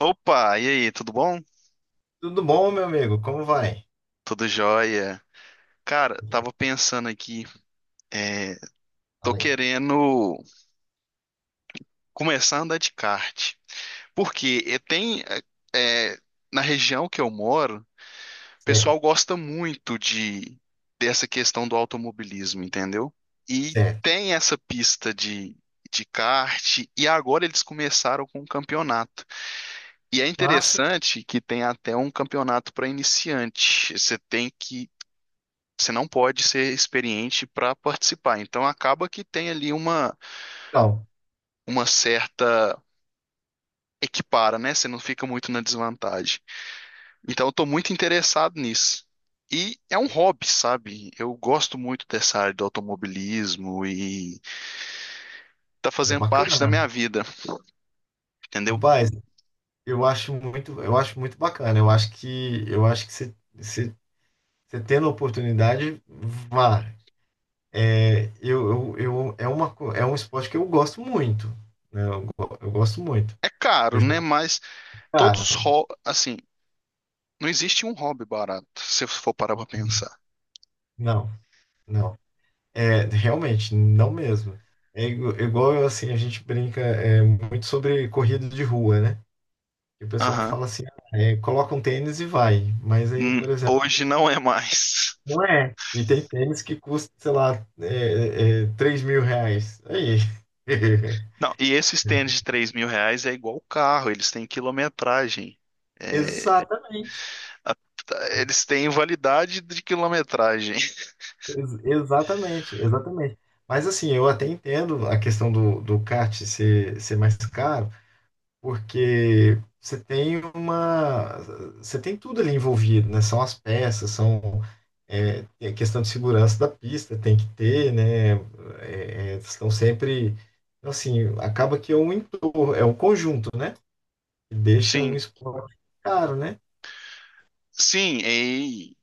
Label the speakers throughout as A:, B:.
A: Opa, e aí, tudo bom?
B: Tudo bom, meu amigo? Como vai?
A: Tudo jóia. Cara, tava pensando aqui, tô
B: Fala aí.
A: querendo começar a andar de kart. Porque eh, na região que eu moro, o
B: Certo,
A: pessoal gosta muito de dessa questão do automobilismo, entendeu? E
B: certo.
A: tem essa pista de kart, e agora eles começaram com um campeonato. E é
B: Massa,
A: interessante que tem até um campeonato para iniciante. Você tem que Você não pode ser experiente para participar. Então acaba que tem ali
B: então.
A: uma certa equipara, né? Você não fica muito na desvantagem. Então eu tô muito interessado nisso. E é um hobby, sabe? Eu gosto muito dessa área do automobilismo e tá
B: É
A: fazendo parte da
B: bacana.
A: minha vida, entendeu?
B: Rapaz, eu acho muito bacana. Eu acho que você tendo a oportunidade, vá. É, eu, é uma, co- é um esporte que eu gosto muito, né? Eu gosto muito.
A: É caro,
B: Eu já,
A: né? Mas todos
B: cara,
A: os hobbies, assim, não existe um hobby barato, se eu for parar pra pensar.
B: não, não. É, realmente, não mesmo. É, igual, assim, a gente brinca, muito sobre corrida de rua, né? E o pessoal
A: Aham.
B: fala assim, ah, coloca um tênis e vai. Mas aí, por exemplo,
A: Hoje não é mais.
B: não é. E tem tênis que custa, sei lá, R$ 3 mil. Aí.
A: Não, e esse stand de 3 mil reais é igual o carro, eles têm quilometragem. É,
B: Exatamente.
A: a- Eles têm validade de quilometragem.
B: Exatamente, exatamente. Mas assim, eu até entendo a questão do kart ser mais caro. Porque você tem tudo ali envolvido, né? São as peças, tem a questão de segurança da pista, tem que ter, né? É, é, estão sempre, então, assim, acaba que é um entorno, é um conjunto, né? Que deixa um
A: Sim,
B: esporte caro, né?
A: sim, e,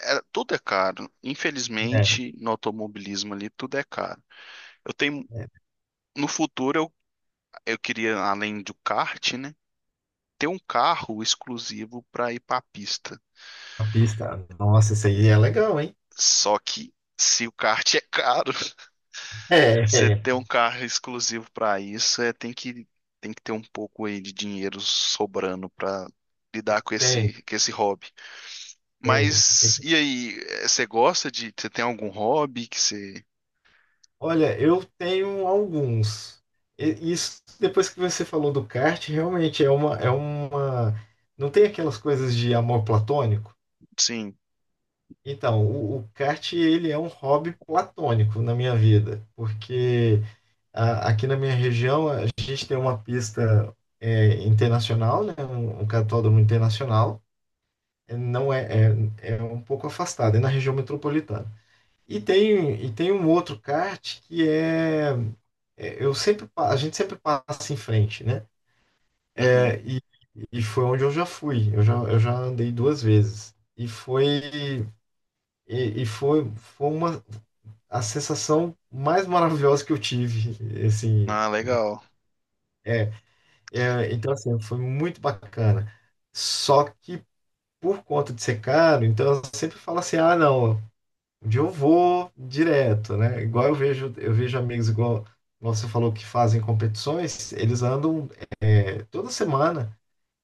A: é- tudo é caro.
B: É,
A: Infelizmente, no automobilismo ali, tudo é caro. Eu tenho,
B: é,
A: no futuro, eu queria, além do kart, né, ter um carro exclusivo para ir para a pista.
B: a pista, nossa, isso aí é legal, hein?
A: Só que se o kart é caro,
B: É.
A: Você
B: é,
A: ter um carro exclusivo para isso é tem que ter um pouco aí de dinheiro sobrando para lidar com
B: tem,
A: esse hobby.
B: tem.
A: Mas e aí, você gosta de você tem algum hobby que você
B: Olha, eu tenho alguns. Isso, depois que você falou do kart, realmente é uma... Não tem aquelas coisas de amor platônico?
A: sim,
B: Então, o kart, ele é um hobby platônico na minha vida, porque aqui na minha região a gente tem uma pista, internacional, né? Um cartódromo internacional. É, não é. É um pouco afastado, é na região metropolitana. E tem um outro kart que é. A gente sempre passa em frente, né?
A: uhum.
B: É, e, e foi onde eu já fui. Eu já andei duas vezes. E foi, foi uma A sensação mais maravilhosa que eu tive, assim,
A: Ah, legal.
B: é, então assim, foi muito bacana. Só que por conta de ser caro, então eu sempre falo assim, ah, não, um dia eu vou direto, né? Igual eu vejo, amigos, igual você falou, que fazem competições, eles andam, toda semana.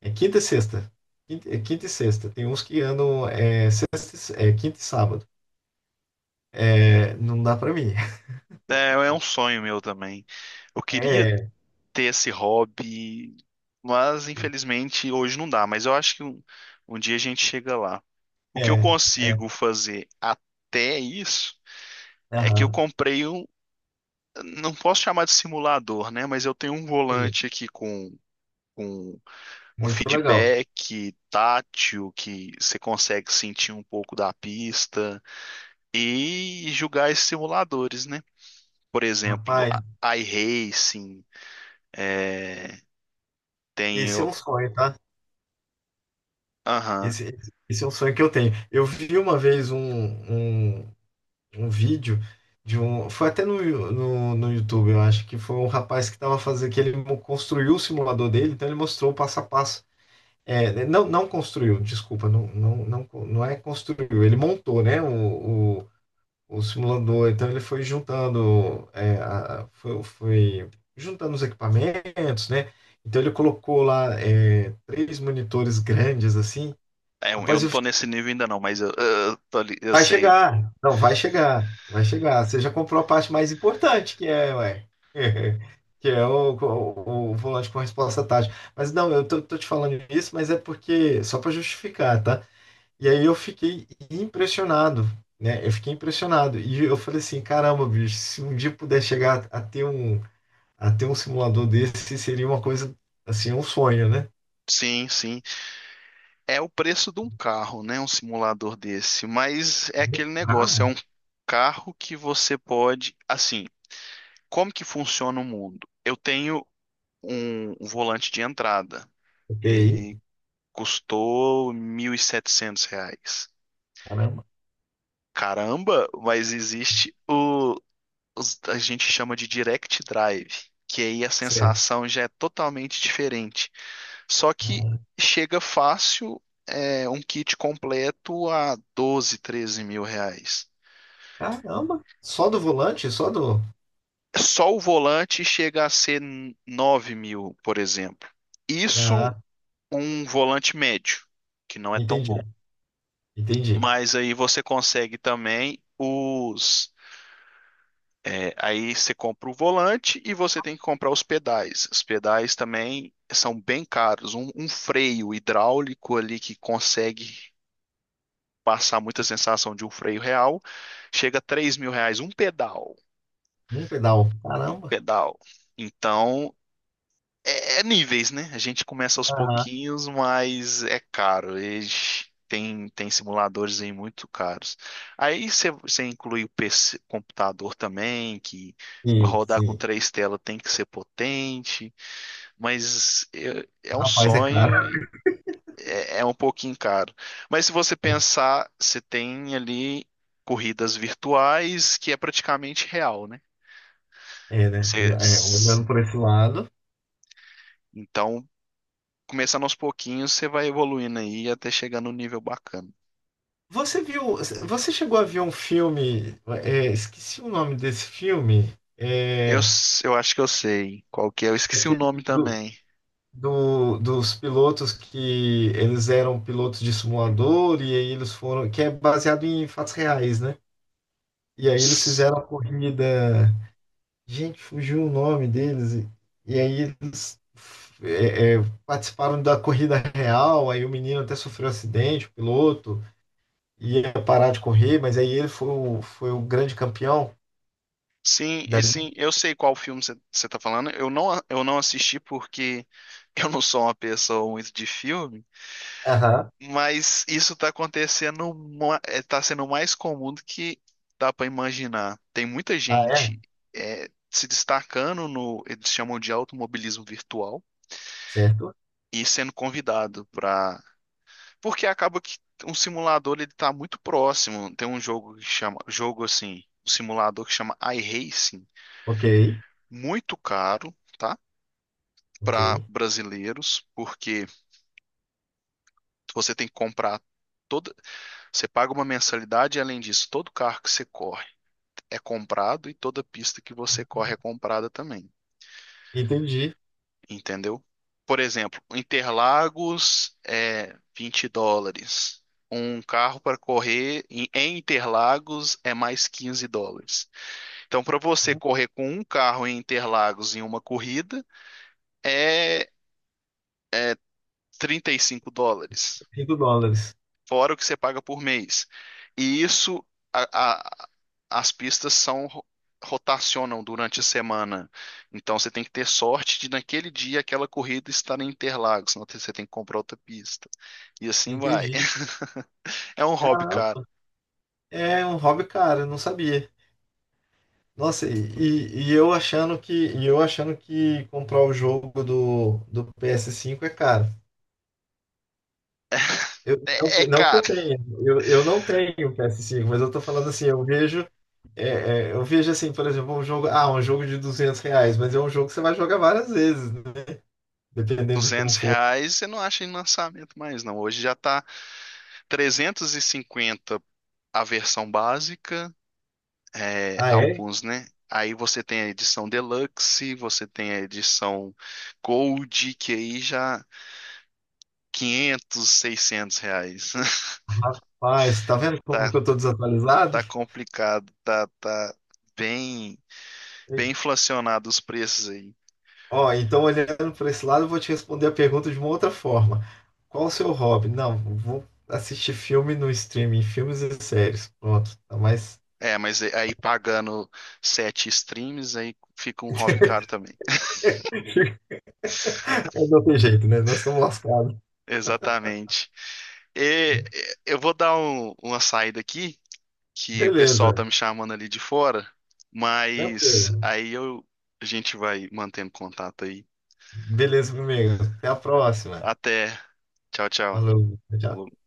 B: É quinta e sexta. É quinta e sexta. Tem uns que andam, é quinta e sábado. É, não dá pra mim.
A: É, é um sonho meu também. Eu queria
B: É,
A: ter esse hobby, mas infelizmente hoje não dá. Mas eu acho que um dia a gente chega lá. O que eu
B: é, é.
A: consigo fazer até isso é que
B: Aham,
A: não posso chamar de simulador, né? Mas eu tenho um
B: sim.
A: volante aqui com um
B: Muito legal.
A: feedback tátil que você consegue sentir um pouco da pista e jogar esses simuladores, né? Por exemplo,
B: Rapaz,
A: iRacing, é, tem,
B: esse é
A: o-
B: um sonho, tá? Esse é um sonho que eu tenho. Eu vi uma vez um vídeo de um. Foi até no YouTube, eu acho. Que foi um rapaz que tava fazendo, que ele construiu o simulador dele, então ele mostrou o passo a passo. Não, não construiu, desculpa, não, não, não, não é construiu, ele montou, né, o simulador. Então ele foi juntando, é, a- foi, foi juntando os equipamentos, né. Então ele colocou lá, três monitores grandes, assim.
A: é, eu
B: Rapaz,
A: não tô nesse nível ainda não, mas eu
B: vai
A: sei.
B: chegar, não, vai chegar, vai chegar. Você já comprou a parte mais importante, que é, ué, que é o volante com resposta tática. Mas não, eu tô te falando isso, mas é porque, só para justificar, tá? E aí eu fiquei impressionado, né? Eu fiquei impressionado. E eu falei assim, caramba, bicho, se um dia puder chegar a ter um, simulador desse, seria uma coisa, assim, um sonho, né?
A: Sim, sim. É o preço de um carro, né? Um simulador desse. Mas é aquele negócio, é
B: Bravo.
A: um carro que você pode. Assim, como que funciona o mundo? Eu tenho um volante de entrada.
B: Ok,
A: Ele custou 1.700 reais.
B: caramba.
A: Caramba, mas existe o. A gente chama de direct drive, que aí a
B: Certo.
A: sensação já é totalmente diferente. Só que chega fácil um kit completo a 12, 13 mil reais.
B: Caramba, só do volante, só do...
A: Só o volante chega a ser 9 mil, por exemplo. Isso
B: Ah,
A: um volante médio, que não é tão
B: entendi,
A: bom.
B: entendi.
A: Mas aí você consegue também os. É, aí você compra o volante e você tem que comprar os pedais. Os pedais também são bem caros. Um freio hidráulico ali que consegue passar muita sensação de um freio real, chega a 3 mil reais
B: Num pedal,
A: um
B: caramba.
A: pedal. Então, é níveis, né? A gente começa aos
B: Aham.
A: pouquinhos, mas é caro. Eles tem, tem simuladores aí muito caros. Aí você inclui o PC, computador também, que pra
B: Sim,
A: rodar com
B: sim.
A: três telas tem que ser potente, mas é um
B: Rapaz, é caro,
A: sonho é um pouquinho caro. Mas se você
B: né?
A: pensar, você tem ali corridas virtuais que é praticamente real, né?
B: É, né?
A: Você-
B: É,
A: s-
B: olhando por esse lado...
A: então, começando aos pouquinhos, você vai evoluindo aí até chegar no nível bacana.
B: Você viu, você chegou a ver um filme? Esqueci o nome desse filme. é,
A: Eu acho que eu sei qual que é. Eu esqueci o
B: Aquele
A: nome
B: do,
A: também.
B: dos pilotos, que eles eram pilotos de simulador e aí eles foram, que é baseado em fatos reais, né? E aí eles
A: S-
B: fizeram a corrida, gente, fugiu o nome deles. E aí eles, participaram da corrida real. Aí o menino até sofreu acidente, o piloto ia parar de correr, mas aí ele foi o grande campeão.
A: Sim, eu sei qual filme você tá falando. Eu não assisti porque eu não sou uma pessoa muito de filme.
B: Aham.
A: Mas isso tá acontecendo, tá sendo mais comum do que dá pra imaginar. Tem muita
B: Ah, é?
A: gente se destacando no, eles chamam de automobilismo virtual,
B: Certo.
A: e sendo convidado pra. Porque acaba que um simulador ele tá muito próximo. Tem um jogo que chama, jogo assim, um simulador que chama iRacing,
B: Ok.
A: muito caro, tá?
B: Ok.
A: Para brasileiros, porque você tem que comprar toda, você paga uma mensalidade e além disso, todo carro que você corre é comprado e toda pista que você corre é comprada também,
B: Entendi.
A: entendeu? Por exemplo, Interlagos é US$ 20. Um carro para correr em Interlagos é mais US$ 15. Então, para você correr com um carro em Interlagos em uma corrida, é US$ 35,
B: US$ 5.
A: fora o que você paga por mês. E isso, a- a- as pistas rotacionam durante a semana. Então você tem que ter sorte de naquele dia aquela corrida estar em Interlagos, senão você tem que comprar outra pista. E assim vai.
B: Entendi.
A: É um hobby, cara.
B: Caramba, é um hobby caro, eu não sabia. Nossa, e eu achando que, comprar o jogo do PS5 é caro. Não,
A: É, é
B: que, não que eu
A: caro.
B: tenha, eu não tenho PS5, mas eu tô falando assim, eu vejo, eu vejo assim, por exemplo, um jogo, ah, um jogo de R$ 200, mas é um jogo que você vai jogar várias vezes, né? Dependendo de como
A: 200
B: for.
A: reais você não acha em lançamento mais, não. Hoje já tá 350 a versão básica, é,
B: Ah, é?
A: alguns, né? Aí você tem a edição Deluxe, você tem a edição Gold, que aí já 500, 600 reais.
B: Ah, você tá vendo como
A: Tá,
B: que eu tô desatualizado?
A: tá complicado, tá bem, bem
B: E-
A: inflacionado os preços aí.
B: Ó, então olhando para esse lado, eu vou te responder a pergunta de uma outra forma. Qual o seu hobby? Não, vou assistir filme no streaming, filmes e séries. Pronto, tá mais.
A: É, aí pagando 7 streams, aí fica um hobby caro também.
B: É do outro jeito, né? Nós estamos lascados.
A: Exatamente. Eu vou dar uma saída aqui que o pessoal tá
B: Beleza,
A: me chamando ali de fora, mas
B: tranquilo.
A: aí eu a gente vai mantendo contato aí.
B: Beleza, meu amigo. Até a próxima.
A: Até. Tchau, tchau.
B: Falou, tchau.
A: Falou.